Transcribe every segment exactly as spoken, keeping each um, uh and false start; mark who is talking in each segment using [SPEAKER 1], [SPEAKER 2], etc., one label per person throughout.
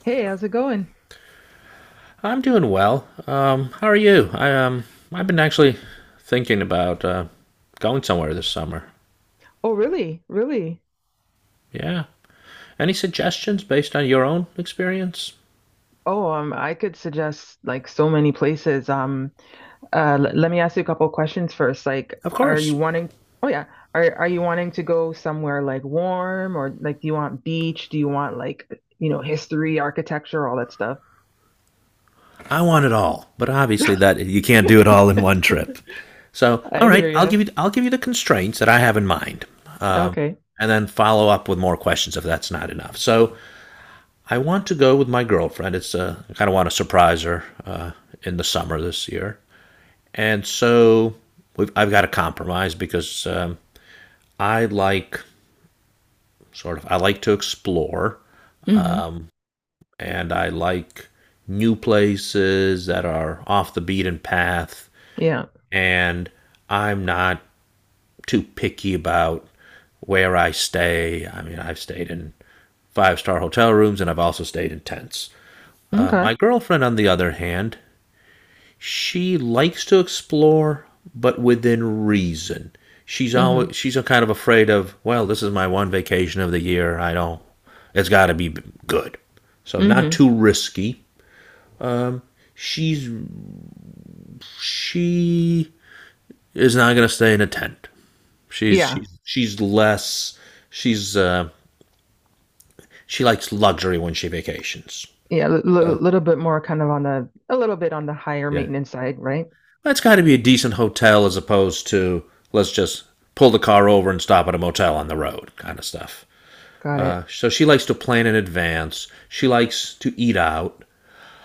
[SPEAKER 1] Hey, how's it going?
[SPEAKER 2] I'm doing well. Um, how are you? I um, I've been actually thinking about uh, going somewhere this summer.
[SPEAKER 1] Oh, really? Really?
[SPEAKER 2] Yeah. Any suggestions based on your own experience?
[SPEAKER 1] Oh, um, I could suggest like so many places. Um, uh, l- let me ask you a couple questions first. Like,
[SPEAKER 2] Of
[SPEAKER 1] are you
[SPEAKER 2] course.
[SPEAKER 1] wanting? Oh yeah, are are you wanting to go somewhere like warm or like do you want beach? Do you want like you know history, architecture, all that stuff?
[SPEAKER 2] I want it all, but obviously that you can't do it all in one trip. So,
[SPEAKER 1] I
[SPEAKER 2] all right,
[SPEAKER 1] hear
[SPEAKER 2] I'll
[SPEAKER 1] you.
[SPEAKER 2] give you I'll give you the constraints that I have in mind, um,
[SPEAKER 1] Okay.
[SPEAKER 2] and then follow up with more questions if that's not enough. So, I want to go with my girlfriend. It's uh, I kind of want to surprise her uh, in the summer this year. And so we've, I've got to compromise because um, I like sort of I like to explore,
[SPEAKER 1] Hmm.
[SPEAKER 2] um, and I like new places that are off the beaten path,
[SPEAKER 1] Yeah.
[SPEAKER 2] and I'm not too picky about where I stay. I mean, I've stayed in five star hotel rooms and I've also stayed in tents. Uh,
[SPEAKER 1] Okay.
[SPEAKER 2] my girlfriend, on the other hand, she likes to explore, but within reason. She's
[SPEAKER 1] Hmm.
[SPEAKER 2] always she's a kind of afraid of. Well, this is my one vacation of the year. I don't. It's got to be good. So not
[SPEAKER 1] Hmm.
[SPEAKER 2] too risky. She's she is not going to stay in a tent. She's
[SPEAKER 1] Yeah.
[SPEAKER 2] she's she's less. She's uh, she likes luxury when she vacations.
[SPEAKER 1] Yeah. A
[SPEAKER 2] So
[SPEAKER 1] little bit more kind of on the a little bit on the higher
[SPEAKER 2] yeah,
[SPEAKER 1] maintenance side, right?
[SPEAKER 2] that's got to be a decent hotel as opposed to let's just pull the car over and stop at a motel on the road kind of stuff.
[SPEAKER 1] Got
[SPEAKER 2] Uh,
[SPEAKER 1] it.
[SPEAKER 2] so she likes to plan in advance. She likes to eat out.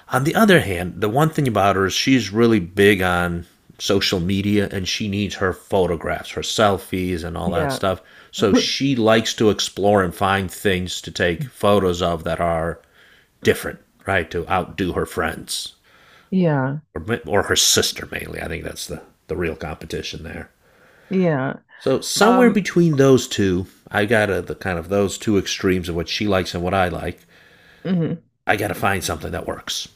[SPEAKER 2] On the other hand, the one thing about her is she's really big on social media and she needs her photographs, her selfies, and all that
[SPEAKER 1] Yeah.
[SPEAKER 2] stuff. So she likes to explore and find things to take photos of that are different, right? To outdo her friends
[SPEAKER 1] Yeah,
[SPEAKER 2] or, or her sister mainly. I think that's the, the real competition there.
[SPEAKER 1] yeah.
[SPEAKER 2] So somewhere
[SPEAKER 1] Um,
[SPEAKER 2] between those two, I got a, the kind of those two extremes of what she likes and what I like.
[SPEAKER 1] mhm.
[SPEAKER 2] I got to find something that works.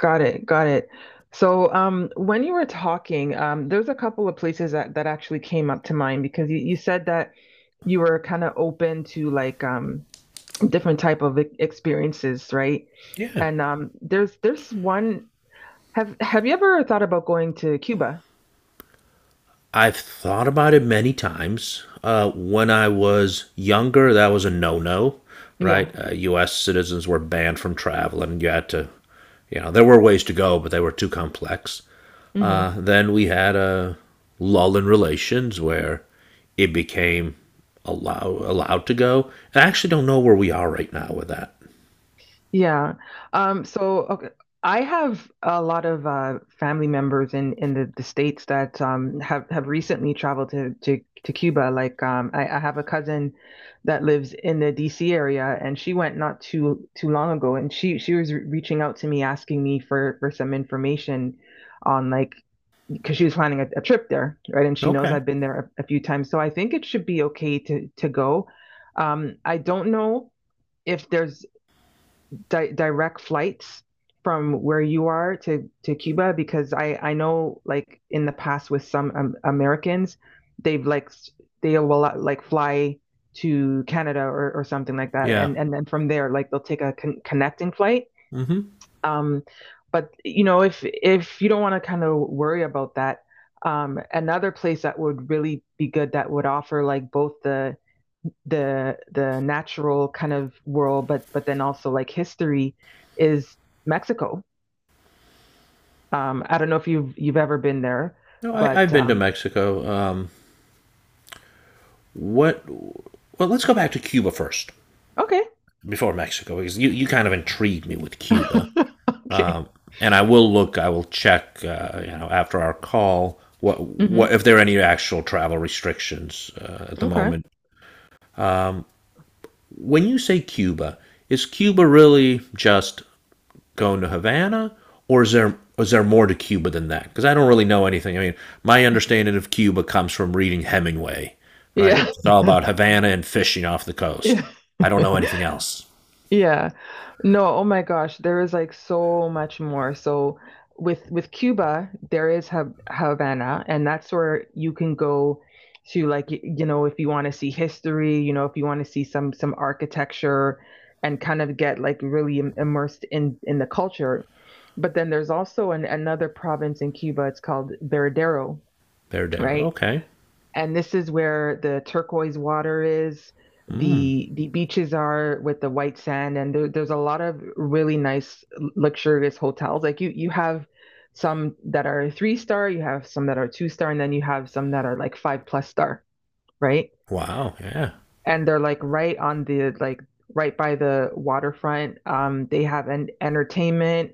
[SPEAKER 1] Got it, got it. So, um, when you were talking, um, there's a couple of places that that actually came up to mind because you, you said that you were kind of open to like um different type of e- experiences, right?
[SPEAKER 2] Yeah.
[SPEAKER 1] And um, there's there's one. Have have you ever thought about going to Cuba?
[SPEAKER 2] I've thought about it many times. Uh, when I was younger, that was a no-no, right?
[SPEAKER 1] Yeah.
[SPEAKER 2] Uh, U S citizens were banned from traveling. You had to, you know, there were ways to go, but they were too complex.
[SPEAKER 1] Mm-hmm.
[SPEAKER 2] Uh, then we had a lull in relations where it became allow, allowed to go. I actually don't know where we are right now with that.
[SPEAKER 1] Yeah. Um, so okay, I have a lot of uh, family members in, in the, the States that um, have, have recently traveled to, to, to Cuba. Like um, I, I have a cousin that lives in the D C area and she went not too too long ago and she, she was re- reaching out to me asking me for, for some information on like because she was planning a, a trip there, right? And she knows
[SPEAKER 2] Okay.
[SPEAKER 1] I've been there a, a few times. So I think it should be okay to, to go. Um, I don't know if there's di- direct flights from where you are to to Cuba? Because I I know like in the past with some um, Americans, they've like they will uh, like fly to Canada or, or something like that,
[SPEAKER 2] Yeah.
[SPEAKER 1] and and then from there like they'll take a con- connecting flight.
[SPEAKER 2] Mm-hmm.
[SPEAKER 1] Um, but you know if if you don't want to kind of worry about that, um, another place that would really be good that would offer like both the the the natural kind of world, but but then also like history is Mexico. Um, I don't know if you've you've ever been there,
[SPEAKER 2] No, I, I've
[SPEAKER 1] but
[SPEAKER 2] been to
[SPEAKER 1] um,
[SPEAKER 2] Mexico. Um, What? Well, let's go back to Cuba first
[SPEAKER 1] okay,
[SPEAKER 2] before Mexico because you, you kind of intrigued me with Cuba.
[SPEAKER 1] okay,
[SPEAKER 2] Um, and I will look. I will check. Uh, you know, after our call, what what
[SPEAKER 1] hmm
[SPEAKER 2] if there are any actual travel restrictions uh, at the
[SPEAKER 1] okay,
[SPEAKER 2] moment? When you say Cuba, is Cuba really just going to Havana, or is there is there more to Cuba than that? Because I don't really know anything. I mean, my understanding of Cuba comes from reading Hemingway, right?
[SPEAKER 1] yeah,
[SPEAKER 2] Which is all about Havana and fishing off the coast.
[SPEAKER 1] yeah.
[SPEAKER 2] I don't know anything else.
[SPEAKER 1] Yeah. No, oh my gosh, there is like so much more. So with with Cuba, there is Ha Havana, and that's where you can go to like y- you know, if you want to see history, you know, if you want to see some some architecture and kind of get like really im- immersed in in the culture. But then there's also an, another province in Cuba, it's called Veradero,
[SPEAKER 2] Verdero.
[SPEAKER 1] right?
[SPEAKER 2] Okay.
[SPEAKER 1] And this is where the turquoise water is.
[SPEAKER 2] Hmm.
[SPEAKER 1] The the beaches are with the white sand, and there, there's a lot of really nice luxurious hotels. Like you you have some that are three star, you have some that are two star, and then you have some that are like five plus star, right?
[SPEAKER 2] Wow. Yeah.
[SPEAKER 1] And they're like right on the like right by the waterfront. Um, they have an entertainment,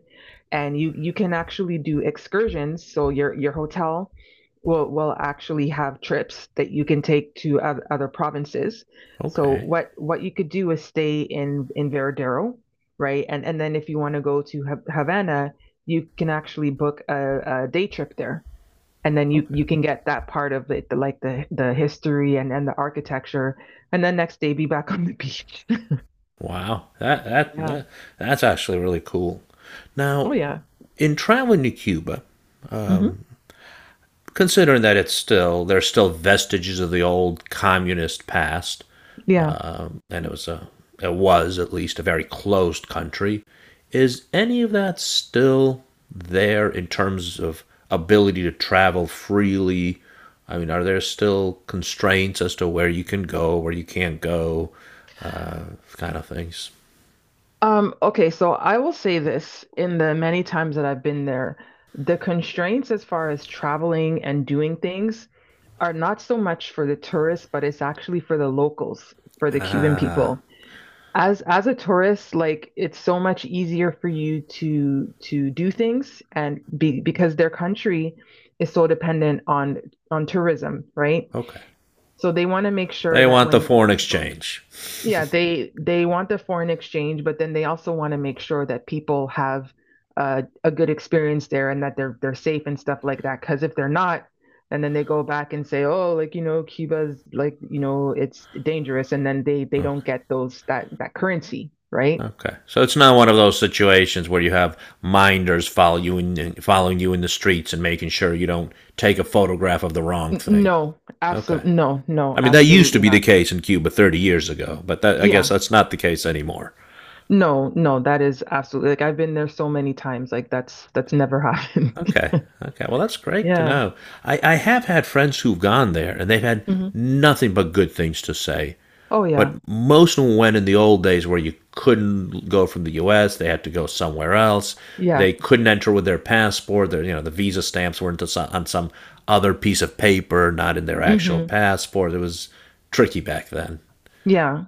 [SPEAKER 1] and you you can actually do excursions. So your your hotel will will actually have trips that you can take to oth- other provinces. So
[SPEAKER 2] Okay.
[SPEAKER 1] what what you could do is stay in in Veradero, right? And and then if you want to go to Ha- Havana, you can actually book a, a day trip there, and then you
[SPEAKER 2] Okay.
[SPEAKER 1] you can get that part of it, the, like the the history and and the architecture, and then next day be back on the beach.
[SPEAKER 2] Wow. That that
[SPEAKER 1] Yeah.
[SPEAKER 2] that that's actually really cool.
[SPEAKER 1] Oh
[SPEAKER 2] Now,
[SPEAKER 1] yeah.
[SPEAKER 2] in traveling to Cuba,
[SPEAKER 1] Hmm.
[SPEAKER 2] um, considering that it's still there's still vestiges of the old communist past,
[SPEAKER 1] Yeah.
[SPEAKER 2] um, and it was a it was at least a very closed country. Is any of that still there in terms of ability to travel freely? I mean, are there still constraints as to where you can go, where you can't go, uh, kind of things?
[SPEAKER 1] Um, okay, so I will say this, in the many times that I've been there, the constraints as far as traveling and doing things are not so much for the tourists, but it's actually for the locals, for the Cuban
[SPEAKER 2] Ah,
[SPEAKER 1] people. As as a tourist, like, it's so much easier for you to to do things, and be because their country is so dependent on on tourism, right?
[SPEAKER 2] okay.
[SPEAKER 1] So they want to make
[SPEAKER 2] They
[SPEAKER 1] sure that
[SPEAKER 2] want the
[SPEAKER 1] when
[SPEAKER 2] foreign
[SPEAKER 1] when people,
[SPEAKER 2] exchange.
[SPEAKER 1] yeah, they they want the foreign exchange, but then they also want to make sure that people have uh, a good experience there and that they're they're safe and stuff like that. Because if they're not, and then they go back and say, oh, like you know, Cuba's, like you know, it's dangerous, and then they they
[SPEAKER 2] Oh,
[SPEAKER 1] don't get those that that currency, right?
[SPEAKER 2] okay, so it's not one of those situations where you have minders follow you in, following you in the streets and making sure you don't take a photograph of the wrong
[SPEAKER 1] N-
[SPEAKER 2] thing.
[SPEAKER 1] No,
[SPEAKER 2] Okay,
[SPEAKER 1] absolutely, no, no,
[SPEAKER 2] I mean that used to
[SPEAKER 1] absolutely
[SPEAKER 2] be the
[SPEAKER 1] not.
[SPEAKER 2] case in Cuba thirty years ago, but that, I guess
[SPEAKER 1] Yeah,
[SPEAKER 2] that's not the case anymore.
[SPEAKER 1] no, no, that is absolutely, like, I've been there so many times, like that's that's never happened.
[SPEAKER 2] Okay, okay, well that's great to
[SPEAKER 1] Yeah.
[SPEAKER 2] know. I, I have had friends who've gone there and they've had
[SPEAKER 1] Hmm.
[SPEAKER 2] nothing but good things to say.
[SPEAKER 1] Oh
[SPEAKER 2] But
[SPEAKER 1] yeah,
[SPEAKER 2] most of them went in the old days where you couldn't go from the U S. They had to go somewhere else.
[SPEAKER 1] yeah.
[SPEAKER 2] They couldn't enter with their passport. Their, you know, the visa stamps were into some, on some other piece of paper, not in their actual
[SPEAKER 1] Hmm.
[SPEAKER 2] passport. It was tricky back then.
[SPEAKER 1] Yeah.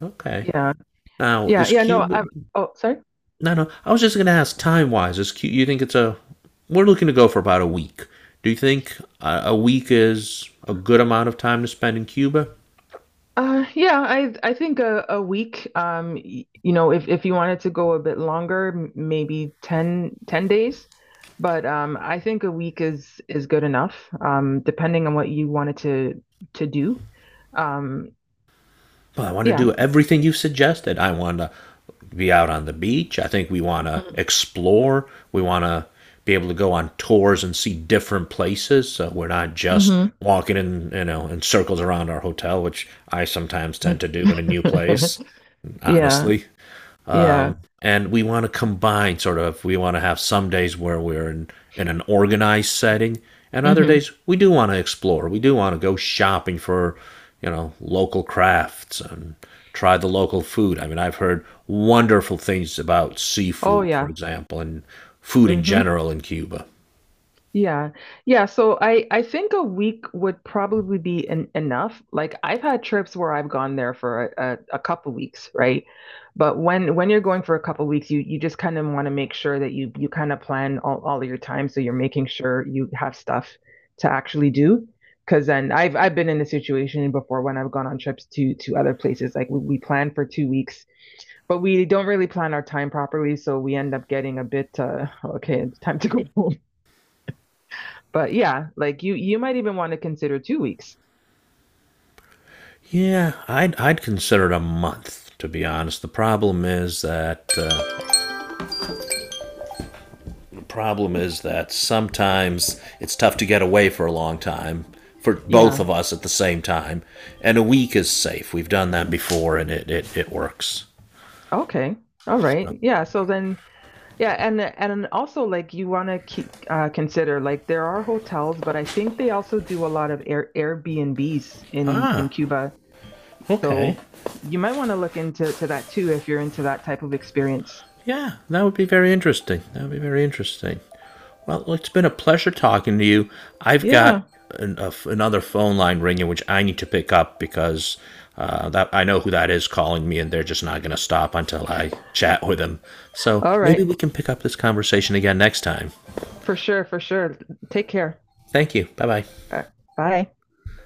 [SPEAKER 2] Okay.
[SPEAKER 1] Yeah.
[SPEAKER 2] Now
[SPEAKER 1] Yeah.
[SPEAKER 2] is
[SPEAKER 1] Yeah. No,
[SPEAKER 2] Cuba?
[SPEAKER 1] I'm, oh, sorry.
[SPEAKER 2] No, no. I was just going to ask time wise. Is Cuba? You think it's a? We're looking to go for about a week. Do you think a, a week is a good amount of time to spend in Cuba?
[SPEAKER 1] Uh, yeah, I I think a, a week, um, y- you know, if, if you wanted to go a bit longer, m- maybe ten ten days. But um, I think a week is is good enough, um, depending on what you wanted to to do. Um,
[SPEAKER 2] Well, I want to
[SPEAKER 1] yeah.
[SPEAKER 2] do everything you suggested. I want to be out on the beach. I think we want to explore. We want to be able to go on tours and see different places. So we're not just
[SPEAKER 1] Mm-hmm.
[SPEAKER 2] walking in, you know, in circles around our hotel, which I sometimes tend to do in a new place,
[SPEAKER 1] Yeah.
[SPEAKER 2] honestly.
[SPEAKER 1] Yeah.
[SPEAKER 2] Um, and we want to combine sort of, we want to have some days where we're in, in an organized setting, and other
[SPEAKER 1] Hmm.
[SPEAKER 2] days we do want to explore. We do want to go shopping for, you know, local crafts and try the local food. I mean, I've heard wonderful things about
[SPEAKER 1] Oh,
[SPEAKER 2] seafood, for
[SPEAKER 1] yeah.
[SPEAKER 2] example, and food in
[SPEAKER 1] Hmm.
[SPEAKER 2] general in Cuba.
[SPEAKER 1] Yeah. Yeah. So I I think a week would probably be en enough. Like I've had trips where I've gone there for a, a, a couple weeks, right? But when when you're going for a couple weeks, you you just kind of want to make sure that you you kind of plan all, all of your time, so you're making sure you have stuff to actually do. Because then I've I've been in this situation before when I've gone on trips to to other places. Like we, we plan for two weeks, but we don't really plan our time properly, so we end up getting a bit uh okay, it's time to go home. But yeah, like you you might even want to consider two weeks.
[SPEAKER 2] Yeah, I'd, I'd consider it a month, to be honest. The problem is that. Uh, problem is that sometimes it's tough to get away for a long time for both
[SPEAKER 1] Yeah.
[SPEAKER 2] of us at the same time, and a week is safe. We've done that before, and it it, it works.
[SPEAKER 1] Okay. All right. Yeah. So then, yeah, and and also, like, you want to keep uh, consider, like, there are hotels, but I think they also do a lot of Air Airbnbs in in
[SPEAKER 2] Ah,
[SPEAKER 1] Cuba.
[SPEAKER 2] okay.
[SPEAKER 1] So you might want to look into to that too if you're into that type of experience.
[SPEAKER 2] Yeah, that would be very interesting. That would be very interesting. Well, it's been a pleasure talking to you. I've got
[SPEAKER 1] Yeah.
[SPEAKER 2] an, a, another phone line ringing, which I need to pick up because uh, that I know who that is calling me, and they're just not going to stop until I chat with them. So
[SPEAKER 1] All
[SPEAKER 2] maybe
[SPEAKER 1] right.
[SPEAKER 2] we can pick up this conversation again next time.
[SPEAKER 1] For sure. For sure. Take care.
[SPEAKER 2] Thank you. Bye bye.
[SPEAKER 1] Uh, Bye.